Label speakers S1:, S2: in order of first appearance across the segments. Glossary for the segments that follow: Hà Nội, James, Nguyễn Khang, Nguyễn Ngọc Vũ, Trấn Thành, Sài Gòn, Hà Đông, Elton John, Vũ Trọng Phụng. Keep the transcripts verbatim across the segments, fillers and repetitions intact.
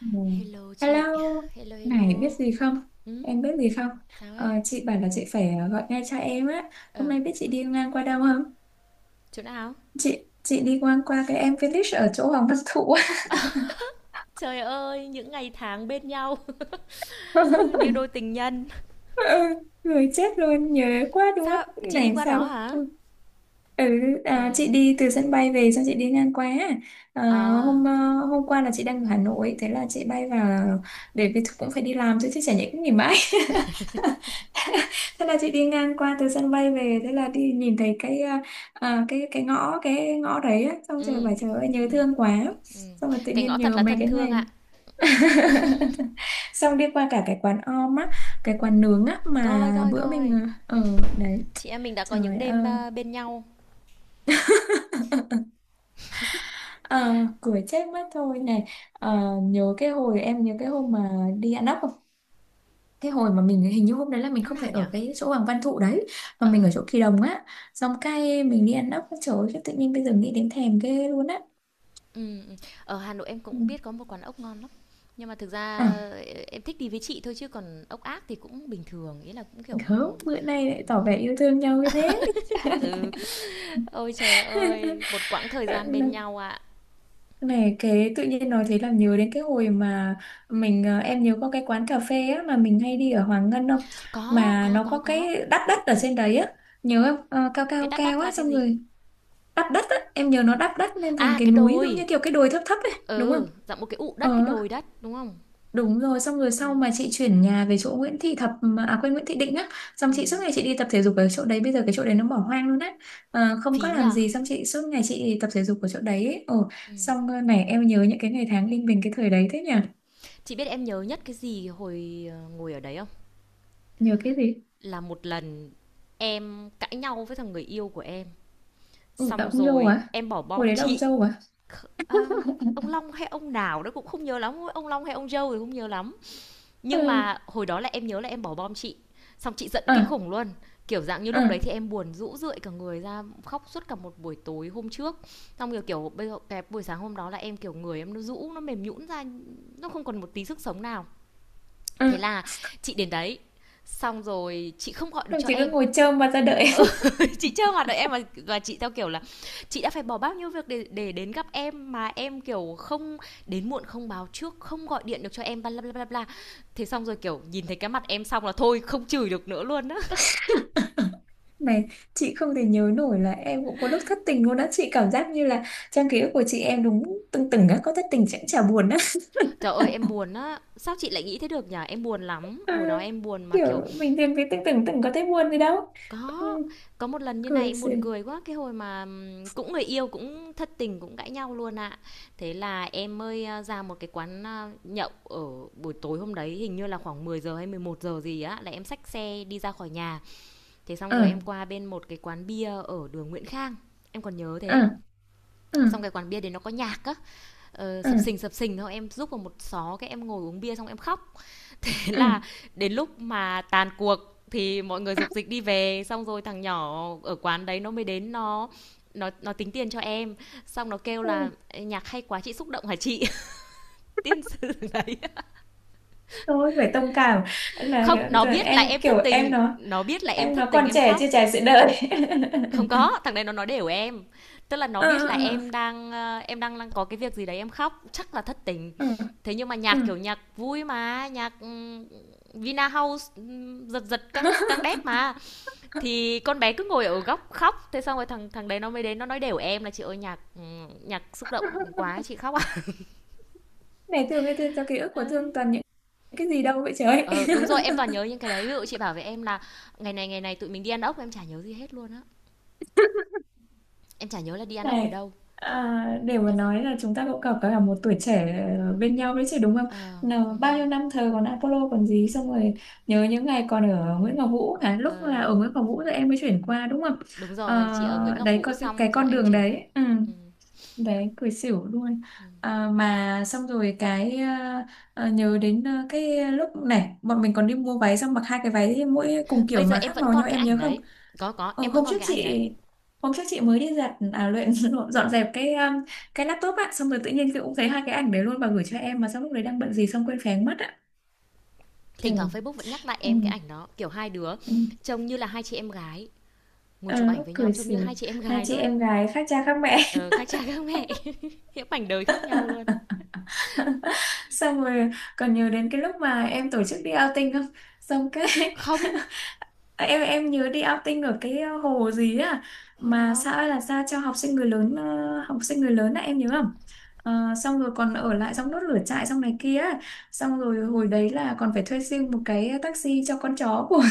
S1: Ừ.
S2: Hello chị,
S1: Hello,
S2: hello
S1: này biết
S2: hello.
S1: gì không?
S2: Ừ,
S1: Em biết gì không?
S2: sao
S1: Ờ,
S2: ấy?
S1: chị bảo là chị phải ờ, gọi ngay cho em á. Hôm
S2: Ờ,
S1: nay biết chị đi ngang qua đâu không?
S2: chỗ nào?
S1: Chị chị đi ngang qua cái em Village ở chỗ Hoàng Văn Thụ.
S2: Trời ơi, những ngày tháng bên nhau như đôi tình nhân.
S1: Ờ, người chết luôn nhớ quá đúng mất
S2: Sao? Chị đi
S1: này
S2: qua đó
S1: sao
S2: hả?
S1: ừ,
S2: Ừ.
S1: à, chị đi từ sân bay về xong chị đi ngang qua à,
S2: À,
S1: hôm ờ, hôm qua là chị đang ở Hà Nội, thế là chị bay vào để vì cũng phải đi làm chứ, chứ chả nhẽ cũng nghỉ mãi. Thế là chị đi ngang qua từ sân bay về, thế là đi nhìn thấy cái à, à, cái cái ngõ, cái ngõ đấy á, xong trời
S2: ừ.
S1: bảo trời ơi
S2: Ừ.
S1: nhớ thương quá,
S2: Ừ.
S1: xong rồi tự
S2: Cái
S1: nhiên
S2: ngõ thật
S1: nhớ
S2: là
S1: mấy
S2: thân
S1: cái
S2: thương
S1: này.
S2: ạ.
S1: Xong đi qua cả cái quán om á, cái quán nướng á
S2: Coi
S1: mà
S2: coi
S1: bữa
S2: coi.
S1: mình ở
S2: Ừ.
S1: đấy.
S2: Chị em mình đã có những
S1: Trời
S2: đêm
S1: ơi,
S2: à, bên nhau.
S1: ờ cười chết mất thôi này. Ờ, nhớ cái hồi em nhớ cái hôm mà đi ăn ốc không, cái hồi mà mình hình như hôm đấy là mình
S2: Năm
S1: không
S2: nào
S1: phải ở
S2: nhở?
S1: cái chỗ Hoàng Văn Thụ đấy mà
S2: Ờ.
S1: mình ở chỗ Kỳ Đồng á, xong cái mình đi ăn ốc. Trời ơi, tự nhiên bây giờ nghĩ đến thèm ghê luôn á.
S2: Ừ. Ừ. Ở Hà Nội em
S1: Ừ.
S2: cũng biết có một quán ốc ngon lắm. Nhưng mà thực ra
S1: À,
S2: ờ, em thích đi với chị thôi chứ còn ốc ác thì cũng bình thường, ý là cũng kiểu ừ.
S1: gớm bữa nay lại tỏ vẻ yêu thương nhau như thế.
S2: Ừ, ôi trời ơi, một quãng thời gian bên nhau ạ.
S1: Này cái tự nhiên nói thế làm nhớ đến cái hồi mà mình ờ, em nhớ có cái quán cà phê á mà mình hay đi ở Hoàng Ngân không,
S2: Có,
S1: mà
S2: có,
S1: nó
S2: có,
S1: có
S2: có.
S1: cái đắp đất ở trên đấy á. Nhớ không? Ờ, cao
S2: Cái
S1: cao
S2: đắt
S1: cao
S2: đắt
S1: á
S2: là cái
S1: xong
S2: gì?
S1: rồi đắp đất á, em nhớ nó đắp đất lên thành
S2: À,
S1: cái
S2: cái
S1: núi giống
S2: đồi.
S1: như kiểu cái đồi thấp thấp ấy đúng không?
S2: Ừ, dặm một cái ụ đất, cái
S1: Ờ.
S2: đồi đất, đúng không?
S1: Đúng rồi, xong rồi sau
S2: Có.
S1: mà chị chuyển nhà về chỗ Nguyễn Thị Thập mà- à quên, Nguyễn Thị Định á, xong chị suốt
S2: Ừ.
S1: ngày chị đi tập thể dục ở chỗ đấy, bây giờ cái chỗ đấy nó bỏ hoang luôn á. Ờ, không có
S2: Phí
S1: làm
S2: nhờ.
S1: gì, xong chị suốt ngày chị tập thể dục ở chỗ đấy. Ấy. Ồ,
S2: Ừ.
S1: xong ờ, này em nhớ những cái ngày tháng linh bình cái thời đấy thế nhỉ?
S2: Chị biết em nhớ nhất cái gì hồi ờ, ngồi ở đấy không?
S1: Nhớ cái gì?
S2: Là một lần em cãi nhau với thằng người yêu của em.
S1: Ừ, là
S2: Xong
S1: ông dâu
S2: rồi
S1: à?
S2: em bỏ
S1: Hồi
S2: bom
S1: đấy là ông
S2: chị.
S1: dâu à?
S2: Kh- à, ông Long hay ông nào đó cũng không nhớ lắm. Ông Long hay ông Joe thì không nhớ lắm. Nhưng
S1: Ừ,
S2: mà hồi đó là em nhớ là em bỏ bom chị, xong chị giận kinh
S1: à,
S2: khủng luôn. Kiểu dạng như lúc đấy
S1: à,
S2: thì em buồn rũ rượi cả người ra, khóc suốt cả một buổi tối hôm trước. Xong rồi kiểu bây giờ cái buổi sáng hôm đó là em kiểu người em nó rũ, nó mềm nhũn ra, nó không còn một tí sức sống nào. Thế
S1: à.
S2: là chị đến đấy, xong rồi chị không gọi được
S1: Xong
S2: cho
S1: chị
S2: em.
S1: cứ ngồi trơm mặt ra đợi.
S2: Ừ, chị chưa hoạt đợi em mà và chị theo kiểu là chị đã phải bỏ bao nhiêu việc để để đến gặp em mà em kiểu không đến muộn không báo trước không gọi điện được cho em bla bla bla bla thế xong rồi kiểu nhìn thấy cái mặt em xong là thôi không chửi được nữa luôn á.
S1: Này, chị không thể nhớ nổi là em cũng có lúc thất tình luôn á. Chị cảm giác như là trong ký ức của chị em đúng tưng từng á, có thất tình chẳng chả buồn á.
S2: Trời ơi em buồn á, sao chị lại nghĩ thế được nhỉ, em buồn lắm
S1: À,
S2: hồi đó em buồn mà
S1: kiểu
S2: kiểu.
S1: mình tìm cái tưởng tưởng tưởng có thấy buồn gì đâu. Ừ,
S2: Có, có một lần như này
S1: cười
S2: em
S1: xì.
S2: buồn cười quá, cái hồi mà, ừm, cũng người yêu, cũng thất tình, cũng cãi nhau luôn ạ. Thế là em mới, a, ra một cái quán, a, nhậu ở buổi tối hôm đấy, hình như là khoảng mười giờ hay mười một giờ gì á, là em xách xe đi ra khỏi nhà. Thế xong
S1: Ờ.
S2: rồi em qua bên một cái quán bia ở đường Nguyễn Khang, em còn nhớ thế.
S1: Ờ. Ờ.
S2: Xong cái quán bia đấy nó có nhạc á, ờ,
S1: Ờ.
S2: sập sình, sập sình, thôi em núp vào một xó, cái em ngồi uống bia xong em khóc. Thế
S1: Ờ.
S2: là đến lúc mà tàn cuộc thì mọi người dục dịch đi về, xong rồi thằng nhỏ ở quán đấy nó mới đến, nó nó nó tính tiền cho em, xong nó kêu
S1: Ừ,
S2: là nhạc hay quá chị xúc động hả chị. Tiên sư đấy.
S1: thôi phải thông cảm là
S2: Không,
S1: kiểu,
S2: nó
S1: giờ
S2: biết là
S1: em
S2: em thất
S1: kiểu em
S2: tình,
S1: nó
S2: nó biết là em
S1: em
S2: thất
S1: nó
S2: tình
S1: còn
S2: em
S1: trẻ
S2: khóc,
S1: chưa trải sự đời.
S2: không có thằng đấy nó nói đều em, tức là nó
S1: Ờ.
S2: biết là
S1: Ờ.
S2: em đang ờ, em đang, đang có cái việc gì đấy em khóc chắc là thất tình.
S1: Ờ. À.
S2: Thế nhưng mà
S1: À.
S2: nhạc kiểu nhạc vui mà nhạc ừ, Vina House ừ, giật giật căng căng đét mà. Thì con bé cứ ngồi ở góc khóc, thế xong rồi thằng thằng đấy nó mới đến nó nói đều em là chị ơi nhạc ừ, nhạc xúc động quá chị khóc ạ.
S1: Này thương cái thương cho ký ức của thương toàn những cái gì đâu vậy trời.
S2: Ờ đúng rồi, em toàn nhớ những cái đấy, ví dụ chị bảo với em là ngày này ngày này tụi mình đi ăn ốc em chả nhớ gì hết luôn á, em chả nhớ là đi ăn ốc ở
S1: Này,
S2: đâu.
S1: à, để mà nói là chúng ta cũng có cả một tuổi trẻ ờ, bên nhau đấy chứ đúng không?
S2: Ờ
S1: Nào,
S2: đúng
S1: bao
S2: rồi.
S1: nhiêu năm thờ còn Apollo còn gì, xong rồi nhớ những ngày còn ở Nguyễn Ngọc Vũ hả? Lúc là
S2: Ờ,
S1: ở Nguyễn Ngọc Vũ rồi em mới chuyển qua đúng không?
S2: đúng
S1: Ờ,
S2: rồi, chị ở Nguyễn Ngọc
S1: đấy
S2: Vũ
S1: coi cái, cái
S2: xong rồi
S1: con
S2: em
S1: đường
S2: chuyển sang.
S1: đấy ừ,
S2: Ừ.
S1: đấy cười xỉu luôn. À, mà xong rồi cái ờ, ờ, nhớ đến ờ, cái lúc này bọn mình còn đi mua váy, xong mặc hai cái váy mỗi cùng
S2: Bây
S1: kiểu
S2: giờ
S1: mà
S2: em
S1: khác
S2: vẫn
S1: màu
S2: còn
S1: nhau,
S2: cái
S1: em
S2: ảnh
S1: nhớ không?
S2: đấy, có có
S1: Ừ,
S2: em
S1: hôm
S2: vẫn còn
S1: trước
S2: cái ảnh
S1: chị
S2: đấy.
S1: hôm trước chị mới đi giặt à luyện dọn dẹp cái um, cái laptop ạ, xong rồi tự nhiên chị cũng thấy hai cái ảnh đấy luôn và gửi cho em, mà xong lúc đấy đang bận gì xong quên phén mất ạ.
S2: Thỉnh thoảng
S1: Trời.
S2: Facebook vẫn nhắc lại
S1: Ừ.
S2: em cái ảnh đó kiểu hai đứa
S1: Ừ.
S2: trông như là hai chị em gái, ngồi
S1: Ờ,
S2: chụp ảnh với nhau
S1: cười
S2: trông như
S1: xỉu.
S2: hai chị em
S1: Hai
S2: gái
S1: chị
S2: luôn.
S1: em gái khác cha khác mẹ.
S2: Ờ, khác cha khác mẹ. Những mảnh đời khác nhau luôn.
S1: Xong rồi còn nhớ đến cái lúc mà em tổ chức đi outing không, xong cái
S2: Không.
S1: Ờ, em em nhớ đi outing ở cái ờ, hồ gì á
S2: Hồi
S1: mà
S2: nào.
S1: xã là ra cho học sinh người lớn, ờ, học sinh người lớn á, em nhớ không? Ờ, xong rồi còn ở lại trong đốt lửa trại xong này kia á. Xong rồi hồi đấy là còn phải thuê riêng một cái taxi cho con chó của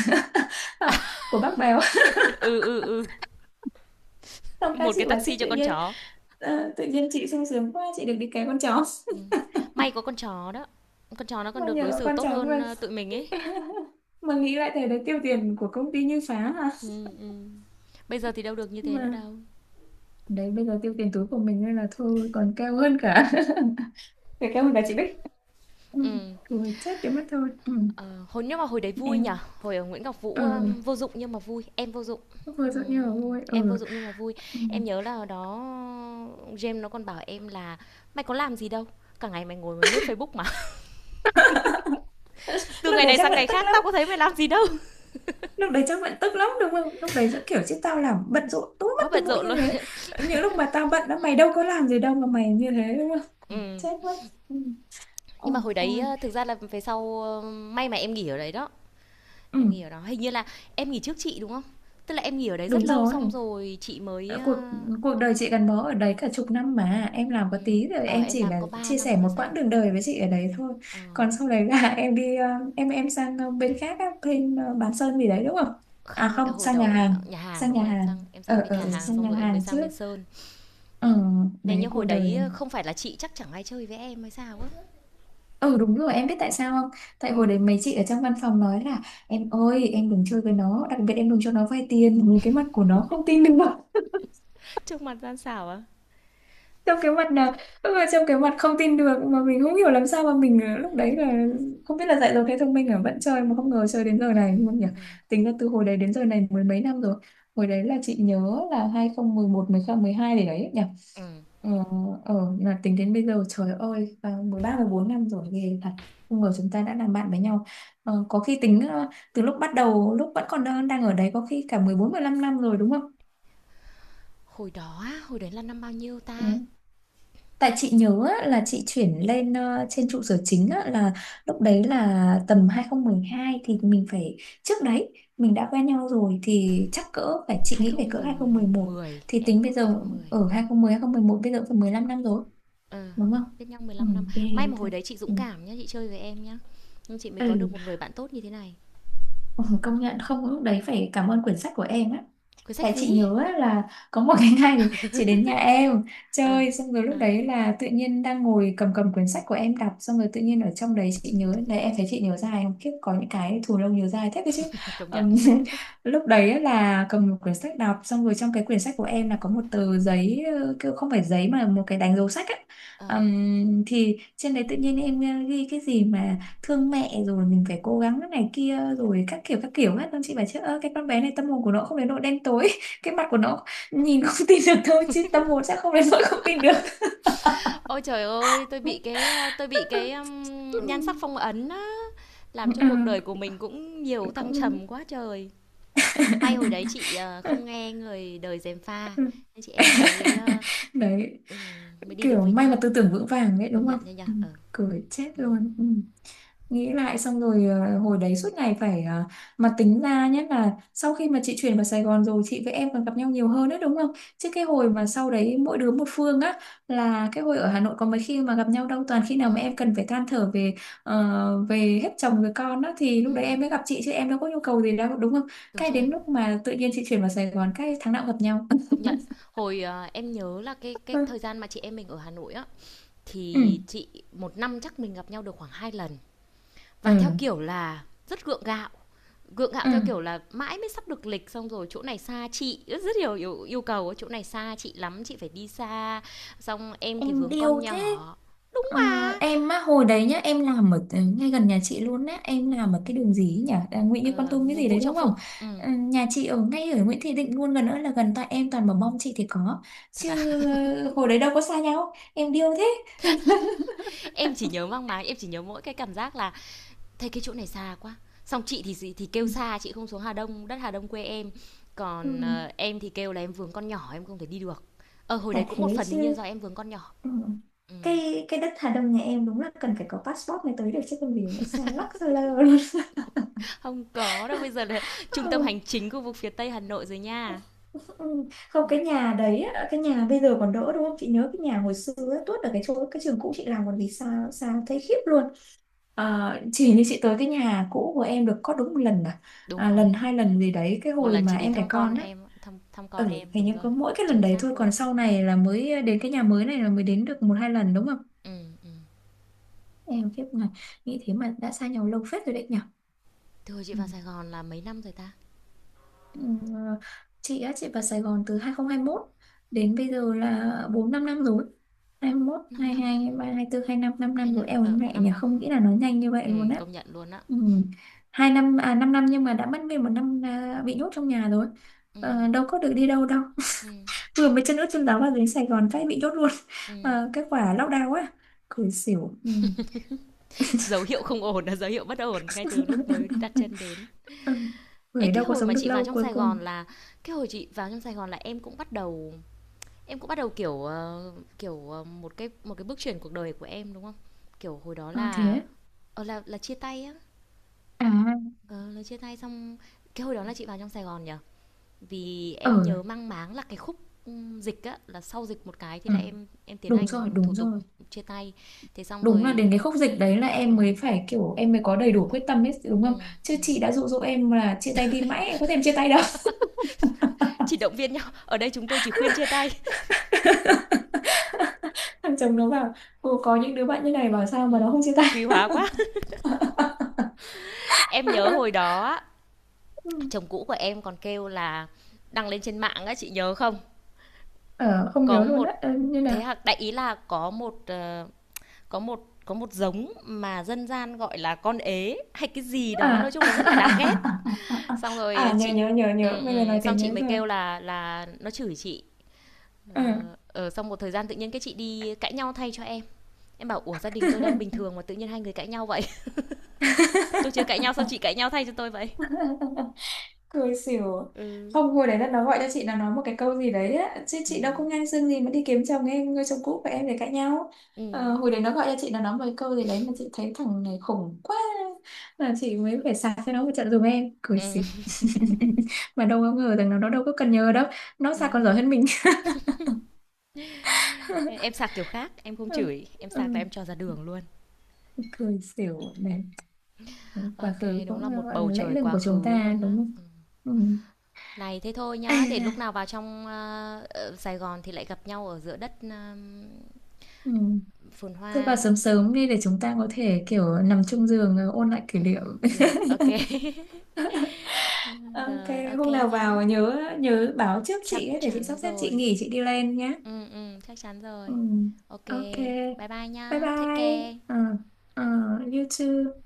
S1: của bác Béo.
S2: Ừ ừ ừ.
S1: Xong các
S2: Một cái
S1: chị bảo chứ
S2: taxi cho
S1: tự
S2: con
S1: nhiên
S2: chó.
S1: ờ, tự nhiên chị sung sướng quá chị được đi cái con chó.
S2: Ừ. May có con chó đó, con chó nó còn
S1: Mà
S2: được đối
S1: nhờ
S2: xử
S1: con
S2: tốt
S1: chó
S2: hơn
S1: mà
S2: ờ, tụi mình ấy.
S1: mà nghĩ lại thấy đấy tiêu tiền của công ty như phá hả,
S2: Ừ, ừ. Bây giờ thì đâu được như thế nữa
S1: mà
S2: đâu.
S1: đấy bây giờ tiêu tiền túi của mình nên là thôi còn cao hơn cả phải cao hơn cả chị Bích. Ừ.
S2: Ừ.
S1: Cười chết cái mất thôi. Ừ.
S2: ờ, Hồi nhưng mà hồi đấy vui nhở,
S1: Em
S2: hồi ở Nguyễn Ngọc
S1: ờ
S2: Vũ um, vô dụng nhưng mà vui, em vô dụng.
S1: vừa
S2: Ừ,
S1: rồi như là vui.
S2: em
S1: Ừ.
S2: vô dụng nhưng mà vui.
S1: Ừ.
S2: Em nhớ là hồi đó James nó còn bảo em là mày có làm gì đâu, cả ngày mày ngồi mày lướt Facebook mà. Từ
S1: Lúc
S2: ngày
S1: đấy
S2: này
S1: chắc
S2: sang
S1: vẫn
S2: ngày
S1: tức
S2: khác
S1: lắm.
S2: tao có thấy mày làm gì đâu.
S1: Lúc đấy chắc vẫn tức lắm đúng không, lúc đấy sẽ kiểu chứ tao làm bận rộn túi mất
S2: Quá
S1: túi
S2: bận
S1: mũi
S2: rộn
S1: như
S2: luôn.
S1: thế. Những lúc mà tao bận đó mày đâu có làm gì đâu mà mày như thế đúng không?
S2: Ừ.
S1: Chết mất. Ừ.
S2: Nhưng
S1: Ôi
S2: mà hồi đấy
S1: ôi.
S2: ờ, thực ra là về sau ờ, may mà em nghỉ ở đấy đó.
S1: Ừ,
S2: Em nghỉ ở đó hình như là em nghỉ trước chị đúng không, tức là em nghỉ ở đấy rất
S1: đúng
S2: lâu
S1: rồi.
S2: xong rồi chị mới
S1: Đã cuộc
S2: ờ,
S1: cuộc đời chị gắn bó ở đấy cả chục năm mà em làm
S2: ừ.
S1: có tí, rồi
S2: Ờ
S1: em
S2: em
S1: chỉ
S2: làm
S1: là
S2: có ba
S1: chia sẻ
S2: năm hay
S1: một
S2: sao.
S1: quãng đường đời với chị ở đấy thôi.
S2: Ờ.
S1: Còn sau đấy là em đi ờ, em em sang ờ, bên khác á, bên ờ, bán sơn gì đấy đúng không? À
S2: Không, ờ,
S1: không,
S2: hồi
S1: sang
S2: đầu
S1: nhà
S2: em sang
S1: hàng.
S2: nhà hàng
S1: Sang
S2: đúng
S1: nhà
S2: không, em
S1: hàng.
S2: sang em
S1: Ở
S2: sang bên nhà
S1: ở
S2: hàng
S1: Sang
S2: xong
S1: nhà
S2: rồi em mới
S1: hàng
S2: sang
S1: trước.
S2: bên sơn.
S1: Ừ,
S2: Này
S1: đấy
S2: nhưng
S1: cuộc
S2: hồi đấy
S1: đời.
S2: ờ, không phải là chị chắc chẳng ai chơi với em hay sao á.
S1: Ừ đúng rồi, em biết tại sao không? Tại hồi
S2: Ừ.
S1: đấy mấy chị ở trong văn phòng nói là em ơi em đừng chơi với nó, đặc biệt em đừng cho nó vay tiền, nhìn cái mặt của nó không tin được.
S2: Trước mặt gian xảo á.
S1: Trong cái mặt nào? Lúc mà trong cái mặt không tin được mà mình không hiểu làm sao mà mình ờ, lúc đấy là không biết là dạy rồi thế thông minh ở vẫn chơi, mà không ngờ chơi đến giờ
S2: Ừ,
S1: này luôn nhỉ.
S2: ừ,
S1: Tính ra từ hồi đấy đến giờ này mười mấy năm rồi. Hồi đấy là chị nhớ là hai không một một, mười không, mười hai để đấy nhỉ.
S2: ừ.
S1: Ờ. Ờ. Là tính đến bây giờ trời ơi, à, mười ba mười bốn năm rồi ghê thật. Không ngờ chúng ta đã làm bạn với nhau. Ờ, có khi tính ờ, từ lúc bắt đầu lúc vẫn còn đang đang ở đấy có khi cả mười bốn, mười 15 năm rồi đúng không?
S2: Hồi đó á, hồi đấy là năm bao nhiêu
S1: Ừ.
S2: ta?
S1: Tại chị nhớ á, là chị chuyển lên ờ, trên trụ sở chính á, là lúc đấy là tầm hai không một hai thì mình phải, trước đấy mình đã quen nhau rồi thì chắc cỡ phải, chị nghĩ phải cỡ hai không một một,
S2: hai không một không,
S1: thì
S2: e
S1: tính bây
S2: khoảng
S1: giờ
S2: hai không một không.
S1: ở hai không một không một một bây giờ cũng phải mười lăm năm rồi
S2: Ờ,
S1: đúng
S2: đó,
S1: không?
S2: biết nhau
S1: Ừ,
S2: mười lăm năm.
S1: ghê
S2: May mà
S1: thật.
S2: hồi đấy chị dũng
S1: Ừ.
S2: cảm nhá, chị chơi với em nhá. Nhưng chị mới có được
S1: Ừ.
S2: một người bạn tốt như thế này.
S1: Ừ, công nhận không lúc đấy phải cảm ơn quyển sách của em á.
S2: Cuốn sách
S1: Tại chị
S2: gì?
S1: nhớ á, là có một cái ngày thì chị đến nhà em
S2: Ờ,
S1: chơi, xong rồi lúc
S2: ờ,
S1: đấy là tự nhiên đang ngồi cầm cầm quyển sách của em đọc, xong rồi tự nhiên ở trong đấy chị nhớ đấy em thấy chị nhớ dài không, kiếp có những cái thù lông nhớ dài thế cơ chứ.
S2: công nhận.
S1: Ừm, lúc đấy á là cầm một quyển sách đọc, xong rồi trong cái quyển sách của em là có một tờ giấy, ờ, kiểu không phải giấy mà một cái đánh dấu sách á.
S2: Ờ.
S1: Ừm, thì trên đấy tự nhiên em ghi cái gì mà thương mẹ rồi mình phải cố gắng cái này kia rồi các kiểu các kiểu hết, nên chị bảo chứ ơ cái con bé này tâm hồn của nó không đến nỗi đen tối cái mặt của nó nhìn không tin được, thôi chứ tâm hồn chắc không đến nỗi không tin được.
S2: Ôi trời ơi, tôi bị cái à, tôi bị cái um,
S1: Ừ.
S2: nhan sắc phong ấn á, làm cho cuộc
S1: Ừ.
S2: đời của mình cũng nhiều thăng
S1: Cũng
S2: trầm quá trời. May hồi đấy chị à, không nghe người đời gièm pha, nên chị em mình mới à,
S1: đấy
S2: ừm, mới đi được
S1: kiểu
S2: với
S1: may là
S2: nhau.
S1: tư tưởng vững vàng đấy
S2: Công
S1: đúng
S2: nhận
S1: không?
S2: nha nhở.
S1: Ừ.
S2: Ờ.
S1: Cười chết
S2: Ừ.
S1: luôn. Ừ. Nghĩ lại xong rồi ờ, hồi đấy suốt ngày phải ờ, mà tính ra nhé, là sau khi mà chị chuyển vào Sài Gòn rồi chị với em còn gặp nhau nhiều hơn đấy, đúng không? Chứ cái hồi mà sau đấy mỗi đứa một phương á, là cái hồi ở Hà Nội có mấy khi mà gặp nhau đâu, toàn khi
S2: Ừ.
S1: nào mà em cần phải than thở về ờ, về hết chồng về con á thì
S2: Ừ.
S1: lúc đấy em mới gặp chị, chứ em đâu có nhu cầu gì đâu đúng không.
S2: Đúng
S1: Cái
S2: rồi.
S1: đến lúc mà tự nhiên chị chuyển vào Sài Gòn cái tháng nào cũng gặp nhau.
S2: Công nhận. Hồi, ờ, em nhớ là cái cái thời gian mà chị em mình ở Hà Nội á,
S1: Ừ.
S2: thì chị một năm chắc mình gặp nhau được khoảng hai lần. Và theo
S1: Ừ.
S2: kiểu là rất gượng gạo, gượng gạo
S1: Ừ,
S2: theo kiểu là mãi mới sắp được lịch xong rồi chỗ này xa chị, rất rất nhiều yêu yêu cầu, chỗ này xa chị lắm, chị phải đi xa, xong em thì
S1: em
S2: vướng
S1: điêu
S2: con
S1: thế.
S2: nhỏ.
S1: Ờ,
S2: Mà,
S1: em á hồi đấy nhá, em làm ở ngay gần nhà chị luôn á, em làm ở cái đường gì ấy nhỉ, à, Nguyễn Như Con
S2: ờ,
S1: Tum cái gì
S2: Vũ
S1: đấy
S2: Trọng
S1: đúng
S2: Phụng,
S1: không.
S2: ừm,
S1: Ừ, nhà chị ở ngay ở Nguyễn Thị Định luôn, gần nữa là gần, tại em toàn bảo mong chị thì có,
S2: thật
S1: chứ
S2: à?
S1: hồi đấy đâu có xa nhau, em điêu thế.
S2: Em chỉ nhớ mang máng, em chỉ nhớ mỗi cái cảm giác là thế cái chỗ này xa quá, xong chị thì gì- thì
S1: Ừ,
S2: kêu xa chị không xuống Hà Đông đất Hà Đông quê em,
S1: ừ,
S2: còn ờ, em thì kêu là em vướng con nhỏ em không thể đi được. Ờ hồi đấy
S1: chả
S2: cũng một
S1: thế
S2: phần đương nhiên
S1: chứ.
S2: do em vướng con nhỏ.
S1: Ừ.
S2: Ừ.
S1: cái cái đất Hà Đông nhà em đúng là cần phải có passport mới tới được, chứ không vì nó xa lắc xa lơ luôn.
S2: Không có đâu, bây giờ là trung tâm hành chính khu vực phía Tây Hà Nội rồi nha.
S1: Ừ, không
S2: Ừ,
S1: cái nhà đấy á, cái nhà bây giờ còn đỡ đúng không, chị nhớ cái nhà hồi xưa á, tuốt ở cái chỗ cái trường cũ chị làm, còn vì sao sao thấy khiếp luôn. Ờ, chỉ như chị tới cái nhà cũ của em được có đúng một lần à,
S2: đúng
S1: à
S2: rồi.
S1: lần hai lần gì đấy cái
S2: Một
S1: hồi
S2: lần
S1: mà
S2: chị đến
S1: em đẻ
S2: thăm con
S1: con á.
S2: em, thăm thăm con
S1: Ừ,
S2: em,
S1: hình
S2: đúng
S1: như
S2: rồi.
S1: có mỗi cái lần
S2: Chính
S1: đấy
S2: xác
S1: thôi,
S2: luôn.
S1: còn sau này là mới đến cái nhà mới này, là mới đến được một hai lần đúng không.
S2: Ừ ừ.
S1: Em khiếp này, nghĩ thế mà đã xa nhau lâu phết rồi đấy
S2: Thưa chị
S1: nhỉ.
S2: vào Sài Gòn là mấy năm rồi ta?
S1: Ừm, ờ, chị á, chị vào Sài Gòn từ hai không hai mốt, đến bây giờ là bốn năm, năm rồi. hai mốt
S2: Năm năm,
S1: hai hai hai ba hai bốn hai lăm, 5 năm
S2: hai
S1: năm rồi,
S2: năm,
S1: eo
S2: ờ
S1: mẹ
S2: năm
S1: nhỉ,
S2: năm.
S1: không nghĩ là nó nhanh như vậy
S2: Ừ,
S1: luôn á.
S2: công nhận luôn á.
S1: Ừm, hai năm à, năm năm nhưng mà đã mất nguyên một năm à, bị nhốt trong nhà rồi.
S2: Ừ,
S1: Ờ, đâu có được đi đâu đâu.
S2: ừ,
S1: Vừa mới chân ướt chân ráo vào đến Sài Gòn cái bị nhốt luôn.
S2: ừ.
S1: Ờ, cái quả lockdown á, cười xỉu. Ừm.
S2: Dấu hiệu không ổn là dấu hiệu bất ổn ngay từ lúc mới đặt chân đến.
S1: Ừ.
S2: Ê,
S1: Người
S2: cái
S1: đâu có
S2: hồi
S1: sống
S2: mà
S1: được
S2: chị vào
S1: lâu
S2: trong
S1: cuối
S2: Sài
S1: cùng.
S2: Gòn là cái hồi chị vào trong Sài Gòn là em cũng bắt đầu, em cũng bắt đầu kiểu ờ, kiểu ờ, một cái một cái bước chuyển cuộc đời của em đúng không? Kiểu hồi đó
S1: Ờ,
S2: là
S1: thế
S2: ờ, là là chia tay á,
S1: à,
S2: ờ, là chia tay xong. Cái hồi đó là chị vào trong Sài Gòn nhỉ? Vì em
S1: ở,
S2: nhớ mang máng là cái khúc ừm, dịch á, là sau dịch một cái thì
S1: ừ.
S2: là em em tiến
S1: Đúng rồi,
S2: hành thủ
S1: đúng
S2: tục
S1: rồi.
S2: chia tay. Thế xong
S1: Đúng là
S2: rồi.
S1: đến cái khúc dịch đấy là
S2: Ừ,
S1: em mới phải kiểu em mới có đầy đủ quyết tâm hết đúng
S2: ừ,
S1: không? Chứ
S2: ừ.
S1: chị đã dụ dỗ em là chia tay đi mãi, em có thèm chia tay đâu.
S2: Chỉ động viên nhau. Ở đây chúng tôi chỉ khuyên chia tay.
S1: Thằng chồng nó bảo, cô có những đứa bạn như này bảo sao mà nó không
S2: Ừm,
S1: chia tay.
S2: quý hóa quá. Em nhớ hồi đó
S1: Ừ.
S2: chồng cũ của em còn kêu là đăng lên trên mạng á, chị nhớ không?
S1: Ờ, không
S2: Có
S1: nhớ luôn á.
S2: một
S1: Ờ, như nào?
S2: thế hạt đại ý là có một ờ, có một có một giống mà dân gian gọi là con ế hay cái gì đó, nói
S1: À, à,
S2: chung là rất là đáng ghét.
S1: à, à, à, à, à.
S2: Xong
S1: À,
S2: rồi
S1: nhớ,
S2: chị,
S1: nhớ, nhớ, nhớ.
S2: ừ,
S1: Bây giờ
S2: ừ,
S1: nói thế
S2: xong
S1: nhớ
S2: chị mới
S1: rồi.
S2: kêu là là nó chửi chị.
S1: Ờ.
S2: Ờ, ờ, xong một thời gian tự nhiên cái chị đi cãi nhau thay cho em. Em bảo ủa gia đình tôi đang bình thường mà tự nhiên hai người cãi nhau vậy. Tôi chưa cãi nhau sao chị cãi nhau thay cho tôi vậy?
S1: Cười xỉu.
S2: Ừ.
S1: Không, hồi đấy là nó gọi cho chị, nó nói một cái câu gì đấy á, chứ
S2: Ừ.
S1: chị đâu có ngang xương gì mà đi kiếm chồng em, người chồng cũ của em để cãi nhau.
S2: Ừ.
S1: Ờ, hồi đấy nó gọi cho chị, nó nói một cái câu gì đấy mà chị thấy thằng này khủng quá, là chị mới phải sạc cho nó một trận dùm em, cười
S2: Ừm,
S1: xỉu. Mà đâu có ngờ rằng nó nó đâu có cần nhờ đâu, nó sạc còn
S2: ừm.
S1: giỏi hơn mình.
S2: Em sạc kiểu khác, em không
S1: Ừ,
S2: chửi, em
S1: ừ,
S2: sạc là em cho ra đường luôn.
S1: cười xỉu này, quá
S2: Ok,
S1: khứ
S2: đúng là
S1: cũng
S2: một
S1: gọi là
S2: bầu
S1: lẫy
S2: trời
S1: lừng
S2: quá
S1: của chúng
S2: khứ
S1: ta
S2: luôn á.
S1: đúng không.
S2: Ừm.
S1: Ừ.
S2: Này thế thôi nhá,
S1: Ây
S2: để
S1: da.
S2: lúc nào vào trong ờ, ờ, Sài Gòn thì lại gặp nhau ở giữa đất ờm,
S1: Ừ.
S2: phồn
S1: Thôi vào
S2: hoa.
S1: sớm sớm đi để chúng ta có thể kiểu nằm chung giường, ờ, ôn lại kỷ niệm.
S2: Ừm, được, ok.
S1: Ok,
S2: Rồi, ok
S1: hôm nào
S2: nhá.
S1: vào nhớ nhớ báo trước
S2: Chắc
S1: chị ấy để chị
S2: chắn
S1: sắp xếp, chị
S2: rồi.
S1: nghỉ chị đi lên nhé.
S2: Ừ, ừ, chắc chắn
S1: Ừ.
S2: rồi. Ok,
S1: Ok.
S2: bye bye
S1: Bye
S2: nhá. Take
S1: bye.
S2: care.
S1: Ờ, ờ, you too.